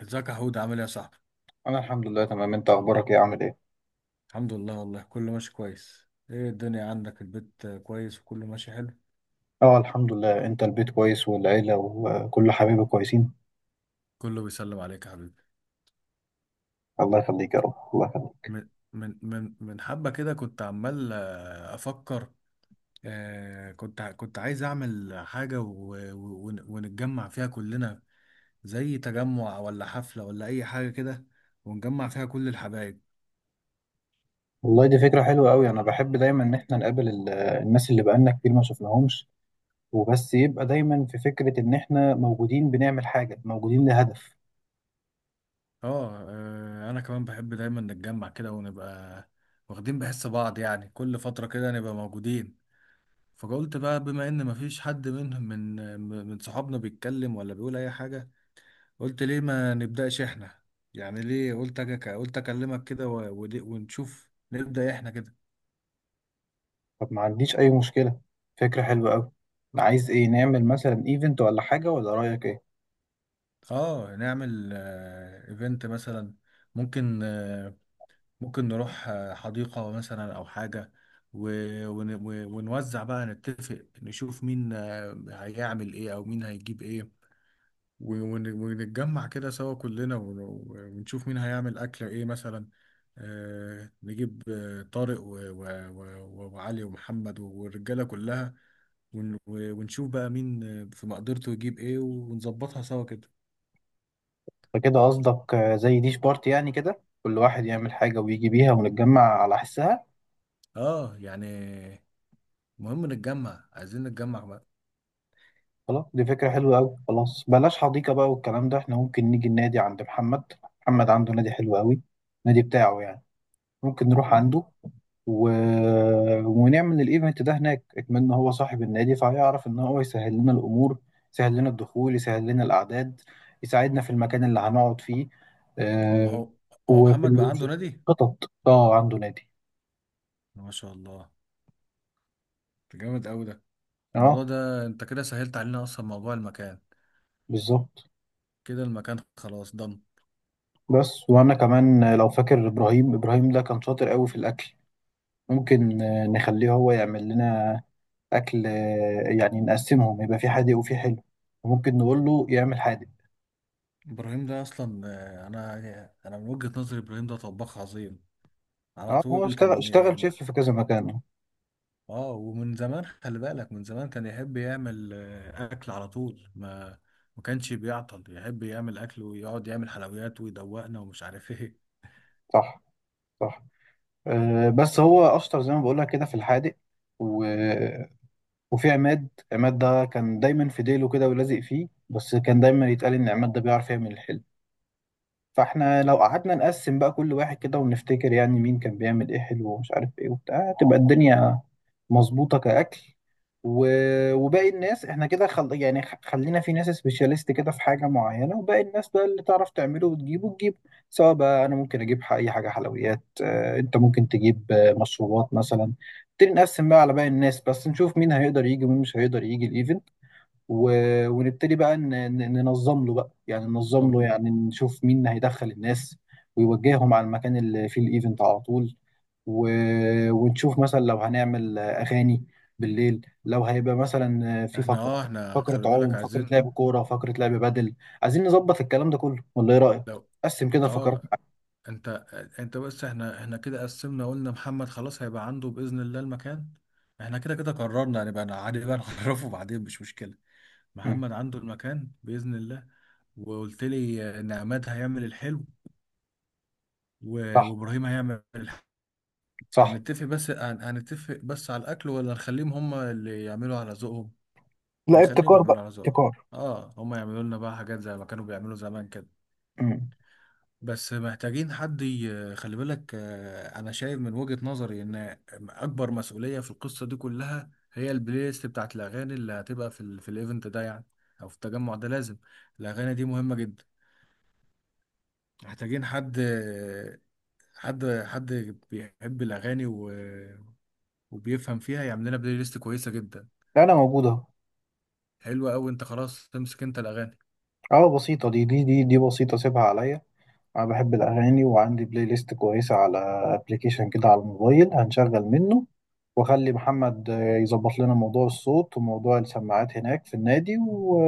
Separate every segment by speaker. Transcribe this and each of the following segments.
Speaker 1: ازيك يا حود، عامل ايه يا صاحبي؟
Speaker 2: انا الحمد لله تمام. انت اخبارك ايه؟ عامل ايه؟
Speaker 1: الحمد لله، والله كله ماشي كويس. ايه الدنيا عندك؟ البيت كويس وكله ماشي حلو؟
Speaker 2: اه، الحمد لله. انت البيت كويس، والعيله وكل حبايبي كويسين؟
Speaker 1: كله بيسلم عليك يا حبيبي.
Speaker 2: الله يخليك يا رب، الله يخليك.
Speaker 1: من حبة كده كنت عمال افكر. كنت كنت عايز اعمل حاجة ونتجمع فيها كلنا، زي تجمع ولا حفلة ولا اي حاجة كده، ونجمع فيها كل الحبايب.
Speaker 2: والله دي فكره حلوه قوي، انا بحب دايما ان احنا نقابل الناس اللي بقالنا كتير ما شفناهمش. وبس يبقى دايما في فكره ان احنا موجودين بنعمل حاجه، موجودين لهدف.
Speaker 1: اه، انا كمان بحب دايما نتجمع كده ونبقى واخدين بحس بعض. يعني كل فترة كده نبقى موجودين. فقلت بقى، بما ان مفيش حد منهم من صحابنا بيتكلم ولا بيقول اي حاجه. قلت ليه ما نبداش احنا؟ يعني ليه، قلت قلت اكلمك كده، ونشوف نبدا احنا كده.
Speaker 2: طب ما عنديش اي مشكله، فكره حلوه قوي. عايز ايه؟ نعمل مثلا ايفنت ولا حاجه؟ ولا رايك ايه؟
Speaker 1: اه، نعمل ايفنت مثلا. ممكن آه، ممكن نروح حديقه مثلا او حاجه. ونوزع بقى، نتفق نشوف مين هيعمل ايه او مين هيجيب ايه. ونتجمع كده سوا كلنا، ونشوف مين هيعمل أكل إيه مثلا. نجيب طارق وعلي ومحمد والرجالة كلها. ونشوف بقى مين في مقدرته يجيب إيه، ونظبطها سوا كده.
Speaker 2: فكده قصدك زي ديش بارتي، يعني كده كل واحد يعمل حاجه ويجي بيها ونتجمع على حسها.
Speaker 1: آه يعني، مهم نتجمع، عايزين نتجمع بقى.
Speaker 2: خلاص، دي فكرة حلوة أوي. خلاص بلاش حديقة بقى والكلام ده، احنا ممكن نيجي النادي عند محمد. محمد عنده نادي حلو أوي، النادي بتاعه يعني. ممكن نروح عنده و... ونعمل الايفنت ده هناك، اكمن هو صاحب النادي فهيعرف ان هو يسهل لنا الامور، يسهل لنا الدخول، يسهل لنا الاعداد، يساعدنا في المكان اللي هنقعد فيه.
Speaker 1: هو
Speaker 2: آه
Speaker 1: هو هو
Speaker 2: وفي
Speaker 1: محمد بقى عنده
Speaker 2: وفي
Speaker 1: نادي؟
Speaker 2: الخطط. اه، عنده نادي.
Speaker 1: ما شاء الله! ده جامد أوي ده. الموضوع
Speaker 2: اه،
Speaker 1: ده أنت كده سهلت علينا أصلا موضوع المكان.
Speaker 2: بالظبط.
Speaker 1: كده المكان خلاص ضن.
Speaker 2: بس وانا كمان لو فاكر، ابراهيم، ابراهيم ده كان شاطر قوي في الاكل. ممكن نخليه هو يعمل لنا اكل، يعني نقسمهم يبقى في حادق وفي حلو، وممكن نقول له يعمل حادق.
Speaker 1: ابراهيم ده اصلا، آه، انا انا من وجهة نظري ابراهيم ده طباخ عظيم، على
Speaker 2: اه، هو
Speaker 1: طول
Speaker 2: اشتغل
Speaker 1: كان.
Speaker 2: شيف في كذا مكان.
Speaker 1: اه، ومن زمان، خلي بالك، من زمان كان يحب يعمل اكل على طول. ما كانش بيعطل، يحب يعمل اكل ويقعد يعمل حلويات ويدوقنا ومش عارف ايه.
Speaker 2: صح، صح. بس هو اشطر زي ما بقول لك كده في الحادق و... وفي عماد. عماد ده كان دايما في ديله كده ولازق فيه، بس كان دايما يتقال ان عماد ده بيعرف يعمل الحلو. فاحنا لو قعدنا نقسم بقى كل واحد كده ونفتكر يعني مين كان بيعمل ايه حلو ومش عارف ايه وبتاع، تبقى الدنيا مظبوطة كأكل. و... وباقي الناس احنا كده خلينا في ناس سبيشاليست كده في حاجة معينة، وباقي الناس بقى اللي تعرف تعمله وتجيبه، تجيبه. سواء بقى انا ممكن اجيب اي حاجة حلويات، انت ممكن تجيب مشروبات مثلا. نبتدي نقسم بقى على باقي الناس، بس نشوف مين هيقدر يجي ومين مش هيقدر يجي الايفنت. ونبتدي بقى ننظم له بقى، يعني ننظم
Speaker 1: طب
Speaker 2: له، يعني نشوف مين اللي هيدخل الناس ويوجههم على المكان اللي فيه الايفنت على طول. و... ونشوف مثلا لو هنعمل اغاني بالليل، لو هيبقى مثلا في
Speaker 1: احنا
Speaker 2: فقرة،
Speaker 1: اه احنا
Speaker 2: فقرة
Speaker 1: خلي
Speaker 2: عوم،
Speaker 1: بالك
Speaker 2: فقرة
Speaker 1: عايزين.
Speaker 2: لعب كورة، فقرة لعب بدل. عايزين نظبط الكلام ده كله ولا ايه رأيك؟
Speaker 1: لو،
Speaker 2: قسم كده الفقرات
Speaker 1: اه،
Speaker 2: معاك.
Speaker 1: انت انت بس، احنا كده قسمنا، قلنا محمد خلاص هيبقى عنده باذن الله المكان. احنا كده كده قررنا، هنبقى يعني عادي بقى نعرفه بعدين، مش مشكلة.
Speaker 2: مم.
Speaker 1: محمد عنده المكان بإذن الله. وقلت لي إن عماد هيعمل الحلو،
Speaker 2: صح،
Speaker 1: وإبراهيم هيعمل الحلو.
Speaker 2: صح.
Speaker 1: هنتفق بس هنتفق بس على الأكل، ولا نخليهم هما اللي يعملوا على ذوقهم؟
Speaker 2: لا،
Speaker 1: نخليهم
Speaker 2: ابتكار بقى،
Speaker 1: يعملوا على ذوقهم.
Speaker 2: ابتكار.
Speaker 1: آه، هما يعملوا لنا بقى حاجات زي ما كانوا بيعملوا زمان كده.
Speaker 2: مم.
Speaker 1: بس محتاجين حد خلي بالك، أنا شايف من وجهة نظري إن أكبر مسؤولية في القصة دي كلها هي البلاي ليست بتاعت الأغاني اللي هتبقى في ال في الإيفنت ده يعني، أو في التجمع ده. لازم الأغاني دي مهمة جدا. محتاجين حد بيحب الأغاني وبيفهم فيها، يعمل لنا بلاي ليست كويسة جدا.
Speaker 2: لا، انا موجود اهو.
Speaker 1: حلوة أوي، أنت خلاص تمسك أنت الأغاني.
Speaker 2: اه، بسيطة، دي بسيطة، سيبها عليا. أنا بحب الأغاني، وعندي بلاي ليست كويسة على أبليكيشن كده على الموبايل، هنشغل منه. وأخلي محمد يظبط لنا موضوع الصوت وموضوع السماعات هناك في النادي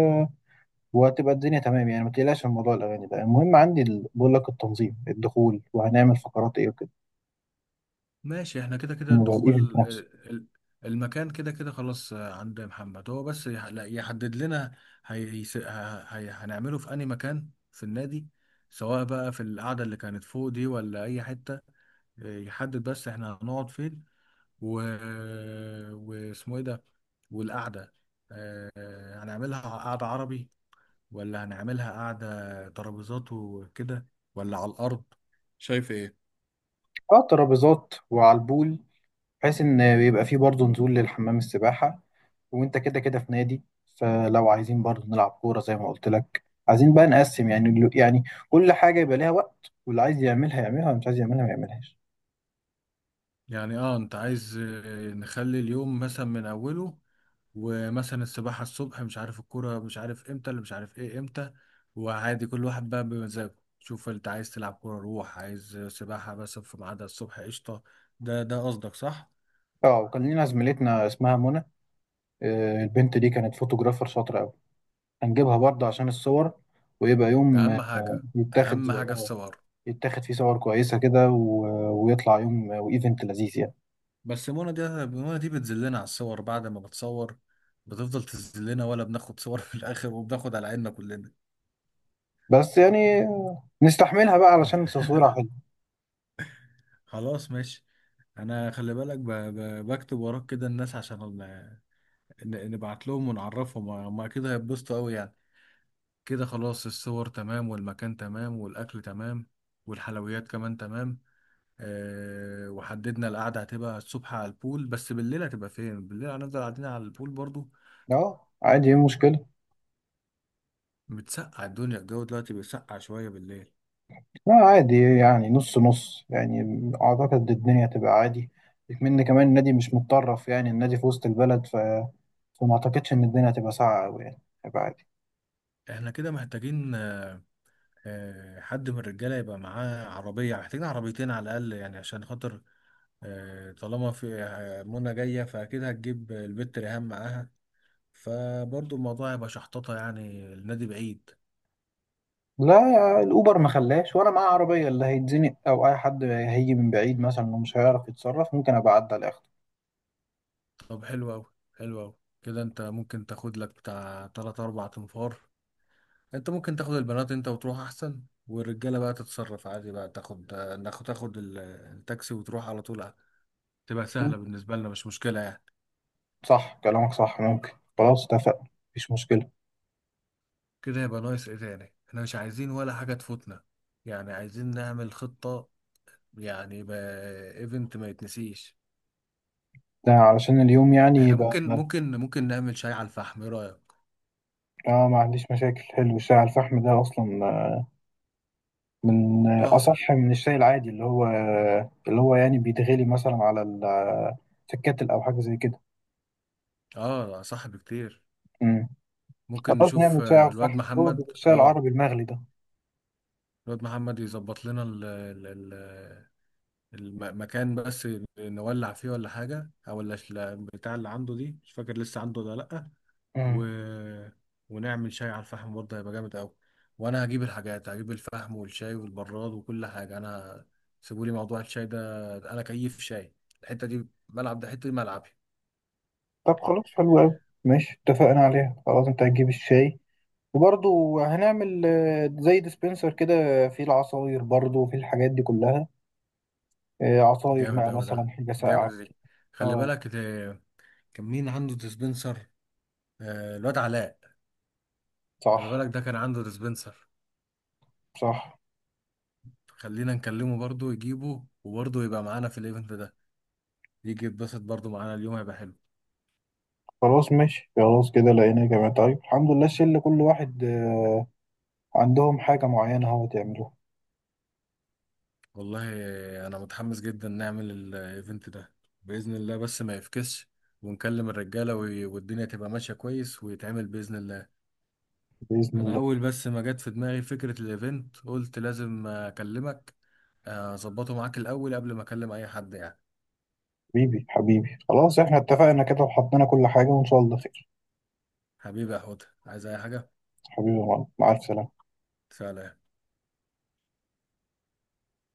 Speaker 2: وهتبقى الدنيا تمام، يعني ما تقلقش من موضوع الأغاني ده. المهم عندي بقول لك التنظيم، الدخول، وهنعمل فقرات إيه وكده،
Speaker 1: ماشي، احنا كده كده
Speaker 2: الموضوع
Speaker 1: الدخول.
Speaker 2: الإيفنت نفسه.
Speaker 1: ال- ال- المكان كده كده خلاص عند محمد، هو بس لا، يحدد لنا. هنعمله في أي مكان في النادي، سواء بقى في القعدة اللي كانت فوق دي ولا أي حتة. يحدد بس احنا هنقعد فين، و... واسمه ايه ده، والقعده. آه، هنعملها قعده عربي، ولا هنعملها قعده ترابيزات وكده، ولا على الارض؟ شايف ايه؟
Speaker 2: على الترابيزات وعلى البول، بحيث ان بيبقى فيه برضه نزول للحمام السباحة، وانت كده كده في نادي. فلو عايزين برضه نلعب كورة زي ما قلت لك، عايزين بقى نقسم يعني يعني كل حاجة يبقى ليها وقت، واللي عايز يعملها يعملها، واللي مش عايز يعملها ما يعملهاش.
Speaker 1: يعني اه، انت عايز نخلي اليوم مثلا من اوله، ومثلا السباحه الصبح، مش عارف الكوره مش عارف امتى، اللي مش عارف ايه امتى، وعادي كل واحد بقى بمزاجه. شوف، انت عايز تلعب كوره روح، عايز سباحه بس في ميعادها الصبح قشطه. ده قصدك، صح؟
Speaker 2: اه، وكان لينا زميلتنا اسمها منى. البنت دي كانت فوتوغرافر شاطرة قوي، هنجيبها برضه عشان الصور، ويبقى يوم
Speaker 1: اهم حاجه،
Speaker 2: يتاخد،
Speaker 1: اهم حاجه الصور.
Speaker 2: يتاخد فيه صور كويسة كده، ويطلع يوم وايفنت لذيذ يعني.
Speaker 1: بس منى دي بتذلنا على الصور بعد ما بتصور. بتفضل تذلنا، ولا بناخد صور في الاخر وبناخد على عيننا كلنا؟
Speaker 2: بس يعني نستحملها بقى علشان تصويرها حلو.
Speaker 1: خلاص ماشي. انا خلي بالك بكتب وراك كده الناس عشان نبعت لهم ونعرفهم، هم اكيد هيتبسطوا قوي يعني. كده خلاص الصور تمام والمكان تمام والاكل تمام، والحلويات كمان تمام. أه، وحددنا القعدة هتبقى الصبح على البول، بس بالليل هتبقى فين؟ بالليل هنفضل قاعدين على البول برضو؟
Speaker 2: اه، عادي. ايه المشكلة؟
Speaker 1: بتسقع الدنيا، الجو دلوقتي بيسقع شوية بالليل.
Speaker 2: لا، عادي يعني، نص نص يعني، أعتقد الدنيا تبقى عادي. من كمان النادي مش متطرف يعني، النادي في وسط البلد، فما أعتقدش إن الدنيا هتبقى ساقعة أوي، يعني هيبقى عادي.
Speaker 1: احنا كده محتاجين حد من الرجالة يبقى معاه عربية، محتاجين عربيتين على الأقل يعني، عشان خاطر طالما في منى جاية فأكيد هتجيب البت ريهام معاها، فبرضه الموضوع هيبقى شحططة يعني، النادي بعيد.
Speaker 2: لا، الأوبر ما خلاش وأنا معاه عربية، اللي هيتزنق أو أي حد هيجي من بعيد مثلا ومش هيعرف يتصرف ممكن أبقى أعدي على آخره.
Speaker 1: طب حلو أوي، حلو أوي. كده أنت ممكن تاخد لك بتاع تلات أربع تنفار، أنت ممكن تاخد البنات أنت وتروح أحسن. والرجالة بقى تتصرف عادي، بقى تاخد التاكسي وتروح على طول. تبقى سهلة بالنسبة لنا، مش مشكلة يعني.
Speaker 2: صح، كلامك صح، ممكن. خلاص اتفقنا، مفيش مشكلة.
Speaker 1: كده يبقى ناقص ايه تاني؟ احنا مش عايزين ولا حاجة تفوتنا، يعني عايزين نعمل خطة. يعني يبقى ايفنت ما يتنسيش.
Speaker 2: ده علشان اليوم يعني
Speaker 1: احنا
Speaker 2: يبقى.
Speaker 1: ممكن نعمل شاي على الفحم، ايه رأيك؟
Speaker 2: اه، ما عنديش مشاكل. حلو الشاي على الفحم ده أصلا، من
Speaker 1: تحفة.
Speaker 2: أصح من الشاي العادي، اللي هو يعني بيتغلي مثلا في الكاتل أو حاجة زي كده.
Speaker 1: اه صح بكتير.
Speaker 2: مم.
Speaker 1: ممكن
Speaker 2: خلاص
Speaker 1: نشوف
Speaker 2: نعمل شاي على
Speaker 1: الواد
Speaker 2: الفحم، هو بيبقى
Speaker 1: محمد.
Speaker 2: الشاي
Speaker 1: اه،
Speaker 2: العربي المغلي ده.
Speaker 1: الواد محمد يظبط لنا ال ال ال المكان بس، نولع فيه ولا حاجة، او بتاع اللي عنده دي، مش فاكر لسه عنده ولا لأ.
Speaker 2: مم.
Speaker 1: و... ونعمل شاي على الفحم برضه، هيبقى جامد قوي. وانا هجيب الحاجات، هجيب الفحم والشاي والبراد وكل حاجه انا. سيبولي موضوع الشاي ده، انا كيف شاي. الحته دي ملعب، ده حته دي ملعبي.
Speaker 2: طب خلاص، حلو أوي ماشي، اتفقنا عليها. خلاص أنت هتجيب الشاي، وبرضه هنعمل زي ديسبنسر كده فيه العصاير برضه، وفيه الحاجات دي كلها، عصاير
Speaker 1: جامد
Speaker 2: بقى
Speaker 1: قوي
Speaker 2: مثلا
Speaker 1: ده،
Speaker 2: حاجة
Speaker 1: جامد
Speaker 2: ساقعة.
Speaker 1: دي. خلي
Speaker 2: اه،
Speaker 1: بالك ده، كان مين عنده ديسبنسر؟ آه، الواد علاء. خلي
Speaker 2: صح،
Speaker 1: بالك ده كان عنده ديسبنسر.
Speaker 2: صح.
Speaker 1: خلينا نكلمه برضه يجيبه، وبرضه يبقى معانا في الايفنت ده، يجي يتبسط برضه معانا، اليوم هيبقى حلو.
Speaker 2: خلاص ماشي، خلاص كده لقينا يا جماعة، طيب الحمد لله، الشله كل واحد عندهم حاجة معينة هو تعملوها.
Speaker 1: والله انا متحمس جدا نعمل الايفنت ده باذن الله، بس ما يفكسش، ونكلم الرجاله، والدنيا تبقى ماشيه كويس ويتعمل باذن الله.
Speaker 2: بإذن
Speaker 1: انا
Speaker 2: الله.
Speaker 1: اول بس ما جت في دماغي فكره الايفنت قلت لازم اكلمك، اظبطه معاك الاول قبل ما اكلم اي حد يعني.
Speaker 2: حبيبي، حبيبي، خلاص احنا اتفقنا كده وحطينا كل حاجة، وإن شاء الله خير.
Speaker 1: حبيبي يا حوت، عايز اي حاجه؟
Speaker 2: حبيبي يا معلم، مع الف سلامة.
Speaker 1: سلام.